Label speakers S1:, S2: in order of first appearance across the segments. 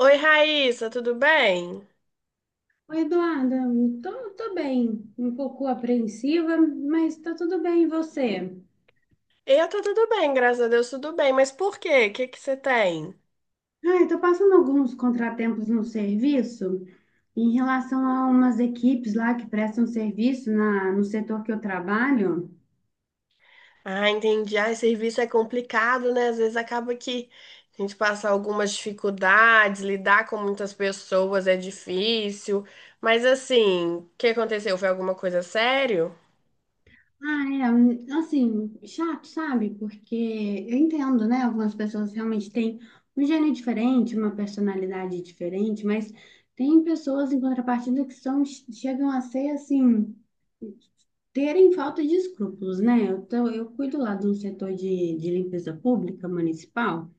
S1: Oi, Raíssa, tudo bem?
S2: Oi, Eduarda, tô bem, um pouco apreensiva, mas tá tudo bem, e você?
S1: Eu tô tudo bem, graças a Deus, tudo bem. Mas por quê? O que que você tem?
S2: Ai, tô passando alguns contratempos no serviço em relação a umas equipes lá que prestam serviço no setor que eu trabalho.
S1: Ah, entendi. Ah, serviço é complicado, né? Às vezes acaba que a gente passa algumas dificuldades, lidar com muitas pessoas é difícil. Mas assim, o que aconteceu? Foi alguma coisa sério?
S2: Ah, é, assim, chato, sabe? Porque eu entendo, né? Algumas pessoas realmente têm um gênio diferente, uma personalidade diferente, mas tem pessoas em contrapartida que são, chegam a ser assim. Terem falta de escrúpulos, né? Eu cuido lá de um setor de limpeza pública municipal,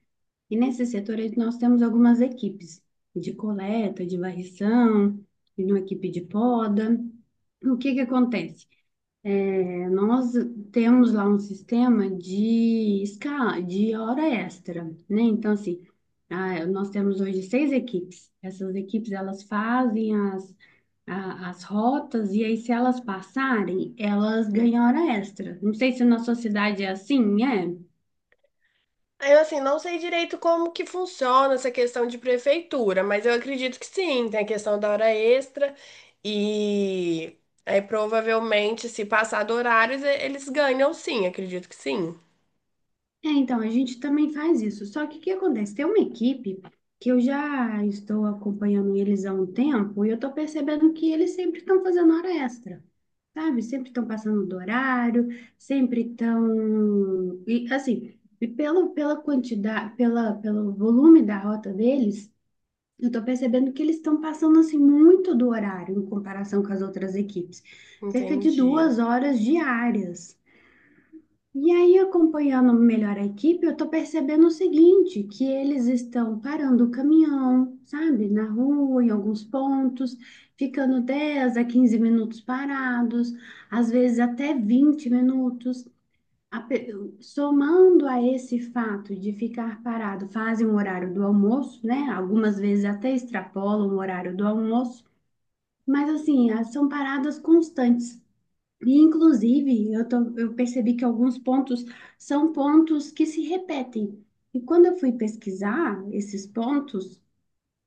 S2: e nesse setor aí nós temos algumas equipes de coleta, de varrição, e uma equipe de poda. O que que acontece? É, nós temos lá um sistema de escala, de hora extra, né? Então, assim, nós temos hoje seis equipes. Essas equipes, elas fazem as rotas e aí, se elas passarem, elas ganham hora extra. Não sei se na sua cidade é assim, é?
S1: Eu, assim, não sei direito como que funciona essa questão de prefeitura, mas eu acredito que sim, tem a questão da hora extra e aí provavelmente se passar do horário, eles ganham sim, acredito que sim.
S2: É, então, a gente também faz isso. Só que o que acontece? Tem uma equipe que eu já estou acompanhando eles há um tempo e eu estou percebendo que eles sempre estão fazendo hora extra, sabe? Sempre estão passando do horário, sempre estão. E assim, e pela quantidade, pelo volume da rota deles, eu estou percebendo que eles estão passando assim muito do horário em comparação com as outras equipes. Cerca de
S1: Entendi.
S2: 2 horas diárias. E aí, acompanhando melhor a equipe, eu tô percebendo o seguinte, que eles estão parando o caminhão, sabe, na rua, em alguns pontos, ficando 10 a 15 minutos parados, às vezes até 20 minutos. A pe- Somando a esse fato de ficar parado, fazem o horário do almoço, né? Algumas vezes até extrapolam o horário do almoço, mas assim, são paradas constantes. E, inclusive, eu percebi que alguns pontos são pontos que se repetem. E quando eu fui pesquisar esses pontos,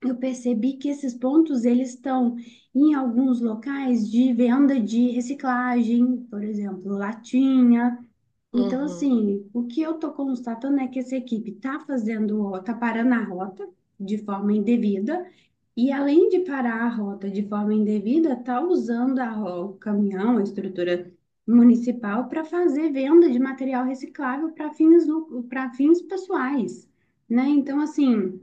S2: eu percebi que esses pontos eles estão em alguns locais de venda de reciclagem, por exemplo, latinha. Então,
S1: Uhum.
S2: assim, o que eu estou constatando é que essa equipe está fazendo, está parando a rota de forma indevida e além de parar a rota de forma indevida, está usando o caminhão, a estrutura municipal, para fazer venda de material reciclável para fins pessoais, né? Então, assim,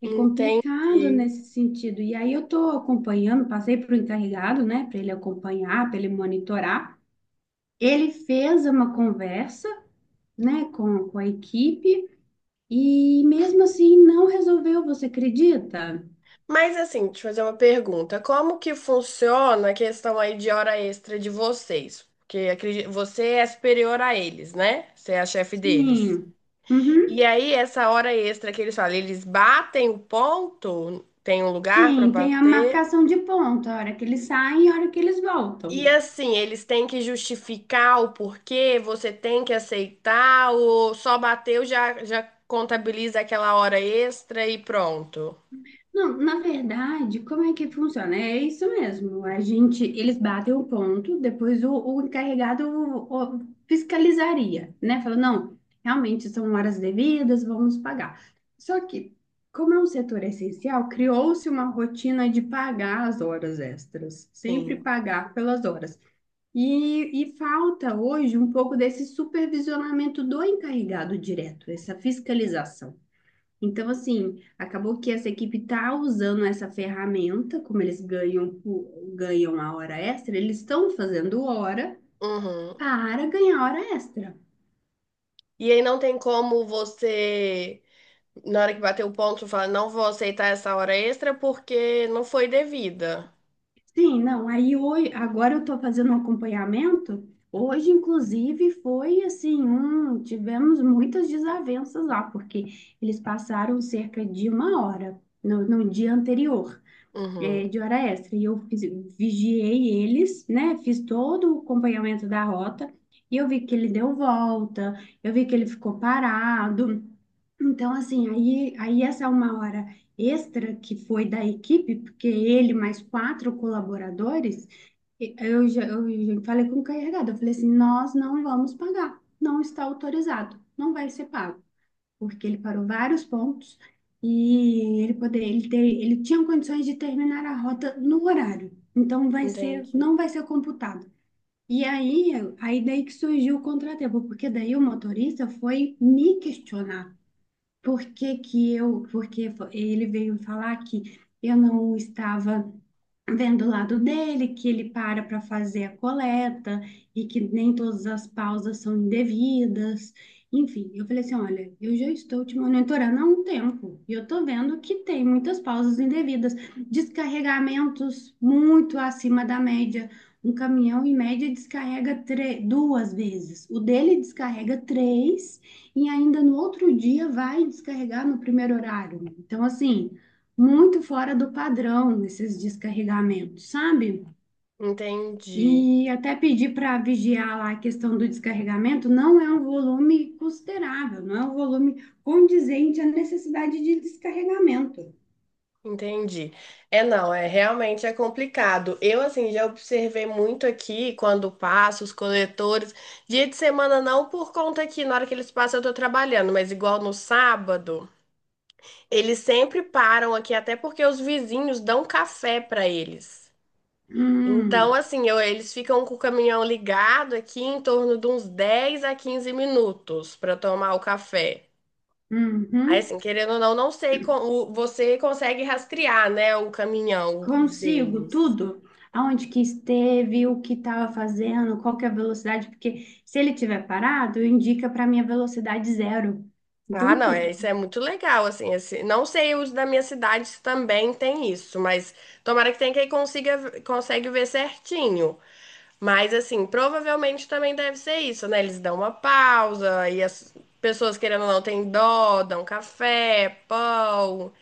S2: é complicado
S1: Entendi.
S2: nesse sentido. E aí eu estou acompanhando, passei para o encarregado, né, para ele acompanhar, para ele monitorar. Ele fez uma conversa, né, com a equipe e mesmo assim não resolveu, você acredita?
S1: Mas assim, deixa eu fazer uma pergunta. Como que funciona a questão aí de hora extra de vocês? Porque você é superior a eles, né? Você é a chefe deles.
S2: Sim.
S1: E
S2: Uhum.
S1: aí, essa hora extra que eles falam, eles batem o ponto, tem um lugar para
S2: Sim, tem a
S1: bater.
S2: marcação de ponto, a hora que eles saem e a hora que eles
S1: E
S2: voltam.
S1: assim, eles têm que justificar o porquê, você tem que aceitar, ou só bateu já, já contabiliza aquela hora extra e pronto.
S2: Não, na verdade, como é que funciona? É isso mesmo. A gente, eles batem o ponto, depois o encarregado fiscalizaria, né? Falou, não, realmente são horas devidas, vamos pagar. Só que, como é um setor essencial, criou-se uma rotina de pagar as horas extras, sempre
S1: Sim.
S2: pagar pelas horas. E falta hoje um pouco desse supervisionamento do encarregado direto, essa fiscalização. Então, assim, acabou que essa equipe está usando essa ferramenta, como eles ganham a hora extra, eles estão fazendo hora
S1: Uhum.
S2: para ganhar hora extra.
S1: E aí não tem como você, na hora que bater o ponto, falar, não vou aceitar essa hora extra porque não foi devida.
S2: Sim, não, aí hoje, agora eu estou fazendo um acompanhamento. Hoje, inclusive, foi assim, tivemos muitas desavenças lá, porque eles passaram cerca de 1 hora no dia anterior,
S1: Uhum.
S2: de hora extra. E eu vigiei eles, né? Fiz todo o acompanhamento da rota, e eu vi que ele deu volta, eu vi que ele ficou parado. Então, assim, aí essa é uma hora extra que foi da equipe, porque ele mais quatro colaboradores, eu já falei com o carregado, eu falei assim, nós não vamos pagar, não está autorizado, não vai ser pago, porque ele parou vários pontos e ele tinha condições de terminar a rota no horário, então vai ser,
S1: Entendi.
S2: não vai ser computado. E aí daí que surgiu o contratempo, porque daí o motorista foi me questionar. Porque ele veio falar que eu não estava vendo o lado dele, que ele para para fazer a coleta e que nem todas as pausas são indevidas. Enfim, eu falei assim, olha, eu já estou te monitorando há um tempo e eu estou vendo que tem muitas pausas indevidas, descarregamentos muito acima da média. Um caminhão, em média, descarrega duas vezes. O dele descarrega três e ainda no outro dia vai descarregar no primeiro horário. Então, assim, muito fora do padrão esses descarregamentos, sabe?
S1: Entendi.
S2: E até pedi para vigiar lá a questão do descarregamento, não é um volume considerável, não é um volume condizente à necessidade de descarregamento.
S1: Entendi. É, não, é realmente é complicado. Eu, assim, já observei muito aqui quando passo os coletores. Dia de semana não, por conta que na hora que eles passam eu tô trabalhando, mas igual no sábado, eles sempre param aqui, até porque os vizinhos dão café pra eles. Então,
S2: Hum,
S1: assim, eles ficam com o caminhão ligado aqui em torno de uns 10 a 15 minutos pra tomar o café. Aí,
S2: uhum.
S1: assim, querendo ou não, não sei como você consegue rastrear, né, o caminhão
S2: Consigo
S1: deles.
S2: tudo? Aonde que esteve, o que estava fazendo, qual que é a velocidade, porque se ele tiver parado, indica para mim a velocidade zero.
S1: Ah,
S2: Então,
S1: não, é,
S2: tudo.
S1: isso é muito legal, assim, esse, não sei os da minha cidade se também tem isso, mas tomara que tenha quem consiga, consegue ver certinho. Mas assim, provavelmente também deve ser isso, né? Eles dão uma pausa e as pessoas querendo ou não têm dó, dão café, pão,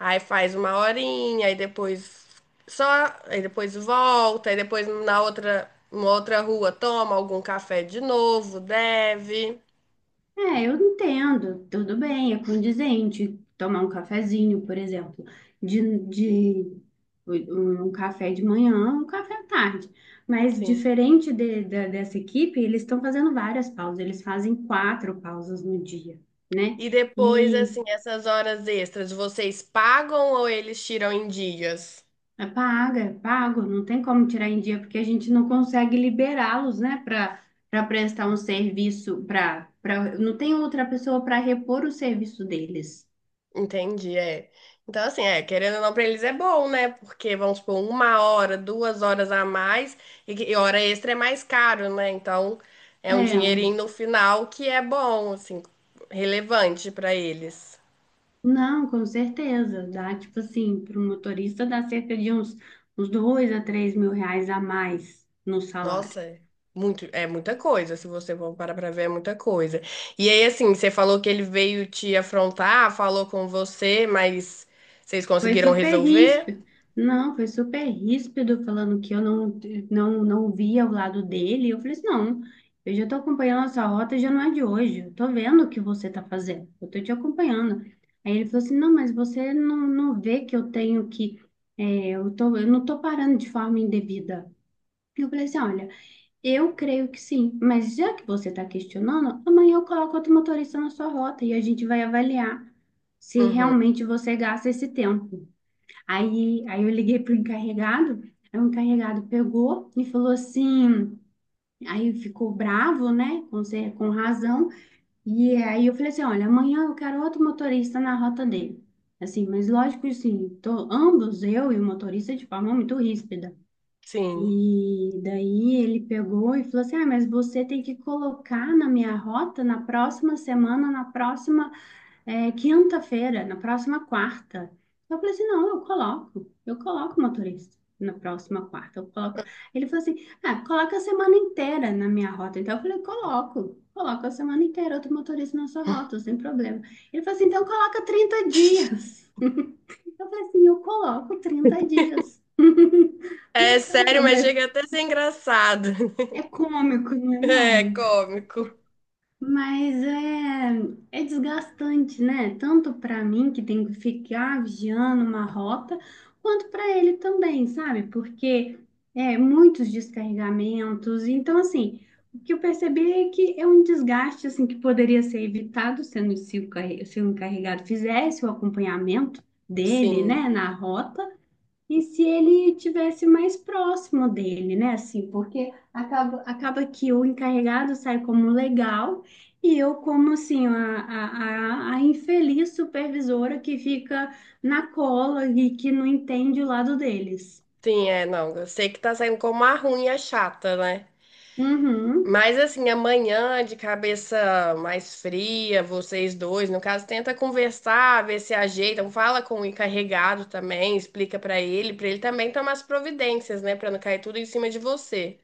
S1: aí faz uma horinha, aí depois só, aí depois volta, aí depois na outra, uma outra rua toma algum café de novo, deve.
S2: É, eu entendo, tudo bem, é condizente tomar um cafezinho, por exemplo, de, de um café de manhã, um café à tarde. Mas
S1: Sim.
S2: diferente dessa equipe, eles estão fazendo várias pausas, eles fazem quatro pausas no dia, né?
S1: E depois,
S2: E
S1: assim, essas horas extras, vocês pagam ou eles tiram em dias?
S2: é pago, não tem como tirar em dia, porque a gente não consegue liberá-los, né, para prestar um serviço, para não tem outra pessoa para repor o serviço deles.
S1: Entendi, é. Então, assim, é, querendo ou não, pra eles é bom, né? Porque, vamos supor, uma hora, duas horas a mais, e, e hora extra é mais caro, né? Então, é um
S2: É.
S1: dinheirinho no final que é bom, assim, relevante pra eles.
S2: Não, com certeza. Dá, tipo assim, para o motorista dá cerca de uns 2 a 3 mil reais a mais no salário.
S1: Nossa, é muito, é muita coisa, se você for parar pra ver, é muita coisa. E aí, assim, você falou que ele veio te afrontar, falou com você, mas vocês
S2: Foi
S1: conseguiram
S2: super
S1: resolver?
S2: ríspido. Não, foi super ríspido falando que eu não via o lado dele. Eu falei assim, não, eu já estou acompanhando essa rota, já não é de hoje. Eu estou vendo o que você está fazendo. Eu estou te acompanhando. Aí ele falou assim, não, mas você não vê que eu tenho que. Eu não estou parando de forma indevida. Eu falei assim, olha. Eu creio que sim, mas já que você está questionando, amanhã eu coloco outro motorista na sua rota e a gente vai avaliar se
S1: Uhum,
S2: realmente você gasta esse tempo. Aí eu liguei para o encarregado, aí o encarregado pegou e falou assim, aí ficou bravo, né, com razão, e aí eu falei assim, olha, amanhã eu quero outro motorista na rota dele. Assim, mas lógico, assim, tô, ambos, eu e o motorista, de forma muito ríspida.
S1: sim.
S2: E daí ele pegou e falou assim: Ah, mas você tem que colocar na minha rota na próxima semana, na próxima quinta-feira, na próxima quarta. Eu falei assim: Não, eu coloco o motorista na próxima quarta, eu coloco. Ele falou assim: Ah, coloca a semana inteira na minha rota. Então eu falei: Coloco, coloco a semana inteira outro motorista na sua rota, sem problema. Ele falou assim: Então coloca 30 dias. Eu falei assim: Eu coloco 30 dias,
S1: É
S2: não é o
S1: sério, mas
S2: problema.
S1: chega até a ser engraçado.
S2: É cômico, né?
S1: É
S2: Não,
S1: cômico.
S2: mas é desgastante, né? Tanto para mim, que tenho que ficar vigiando uma rota, quanto para ele também, sabe? Porque é muitos descarregamentos. Então, assim, o que eu percebi é que é um desgaste assim que poderia ser evitado sendo se se o encarregado fizesse o acompanhamento dele,
S1: Sim,
S2: né, na rota. E se ele tivesse mais próximo dele, né? Assim, porque acaba que o encarregado sai como legal e eu como, assim, a infeliz supervisora que fica na cola e que não entende o lado deles.
S1: sim, é, não. Eu sei que tá saindo como a ruim e a chata, né?
S2: Uhum.
S1: Mas assim, amanhã, de cabeça mais fria, vocês dois, no caso, tenta conversar, ver se ajeitam, fala com o encarregado também, explica pra ele também tomar as providências, né, pra não cair tudo em cima de você.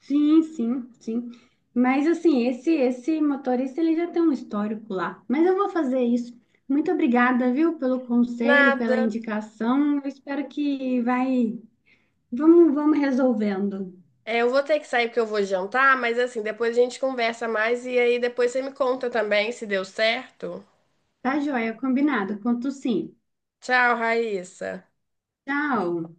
S2: Sim, sim, sim. Mas, assim, esse motorista, ele já tem um histórico lá. Mas eu vou fazer isso. Muito obrigada, viu, pelo conselho, pela
S1: Nada.
S2: indicação. Eu espero que vai. Vamos resolvendo.
S1: É, eu vou ter que sair porque eu vou jantar, mas assim, depois a gente conversa mais e aí depois você me conta também se deu certo.
S2: Tá joia, combinado. Conto sim.
S1: Tchau, Raíssa.
S2: Tchau.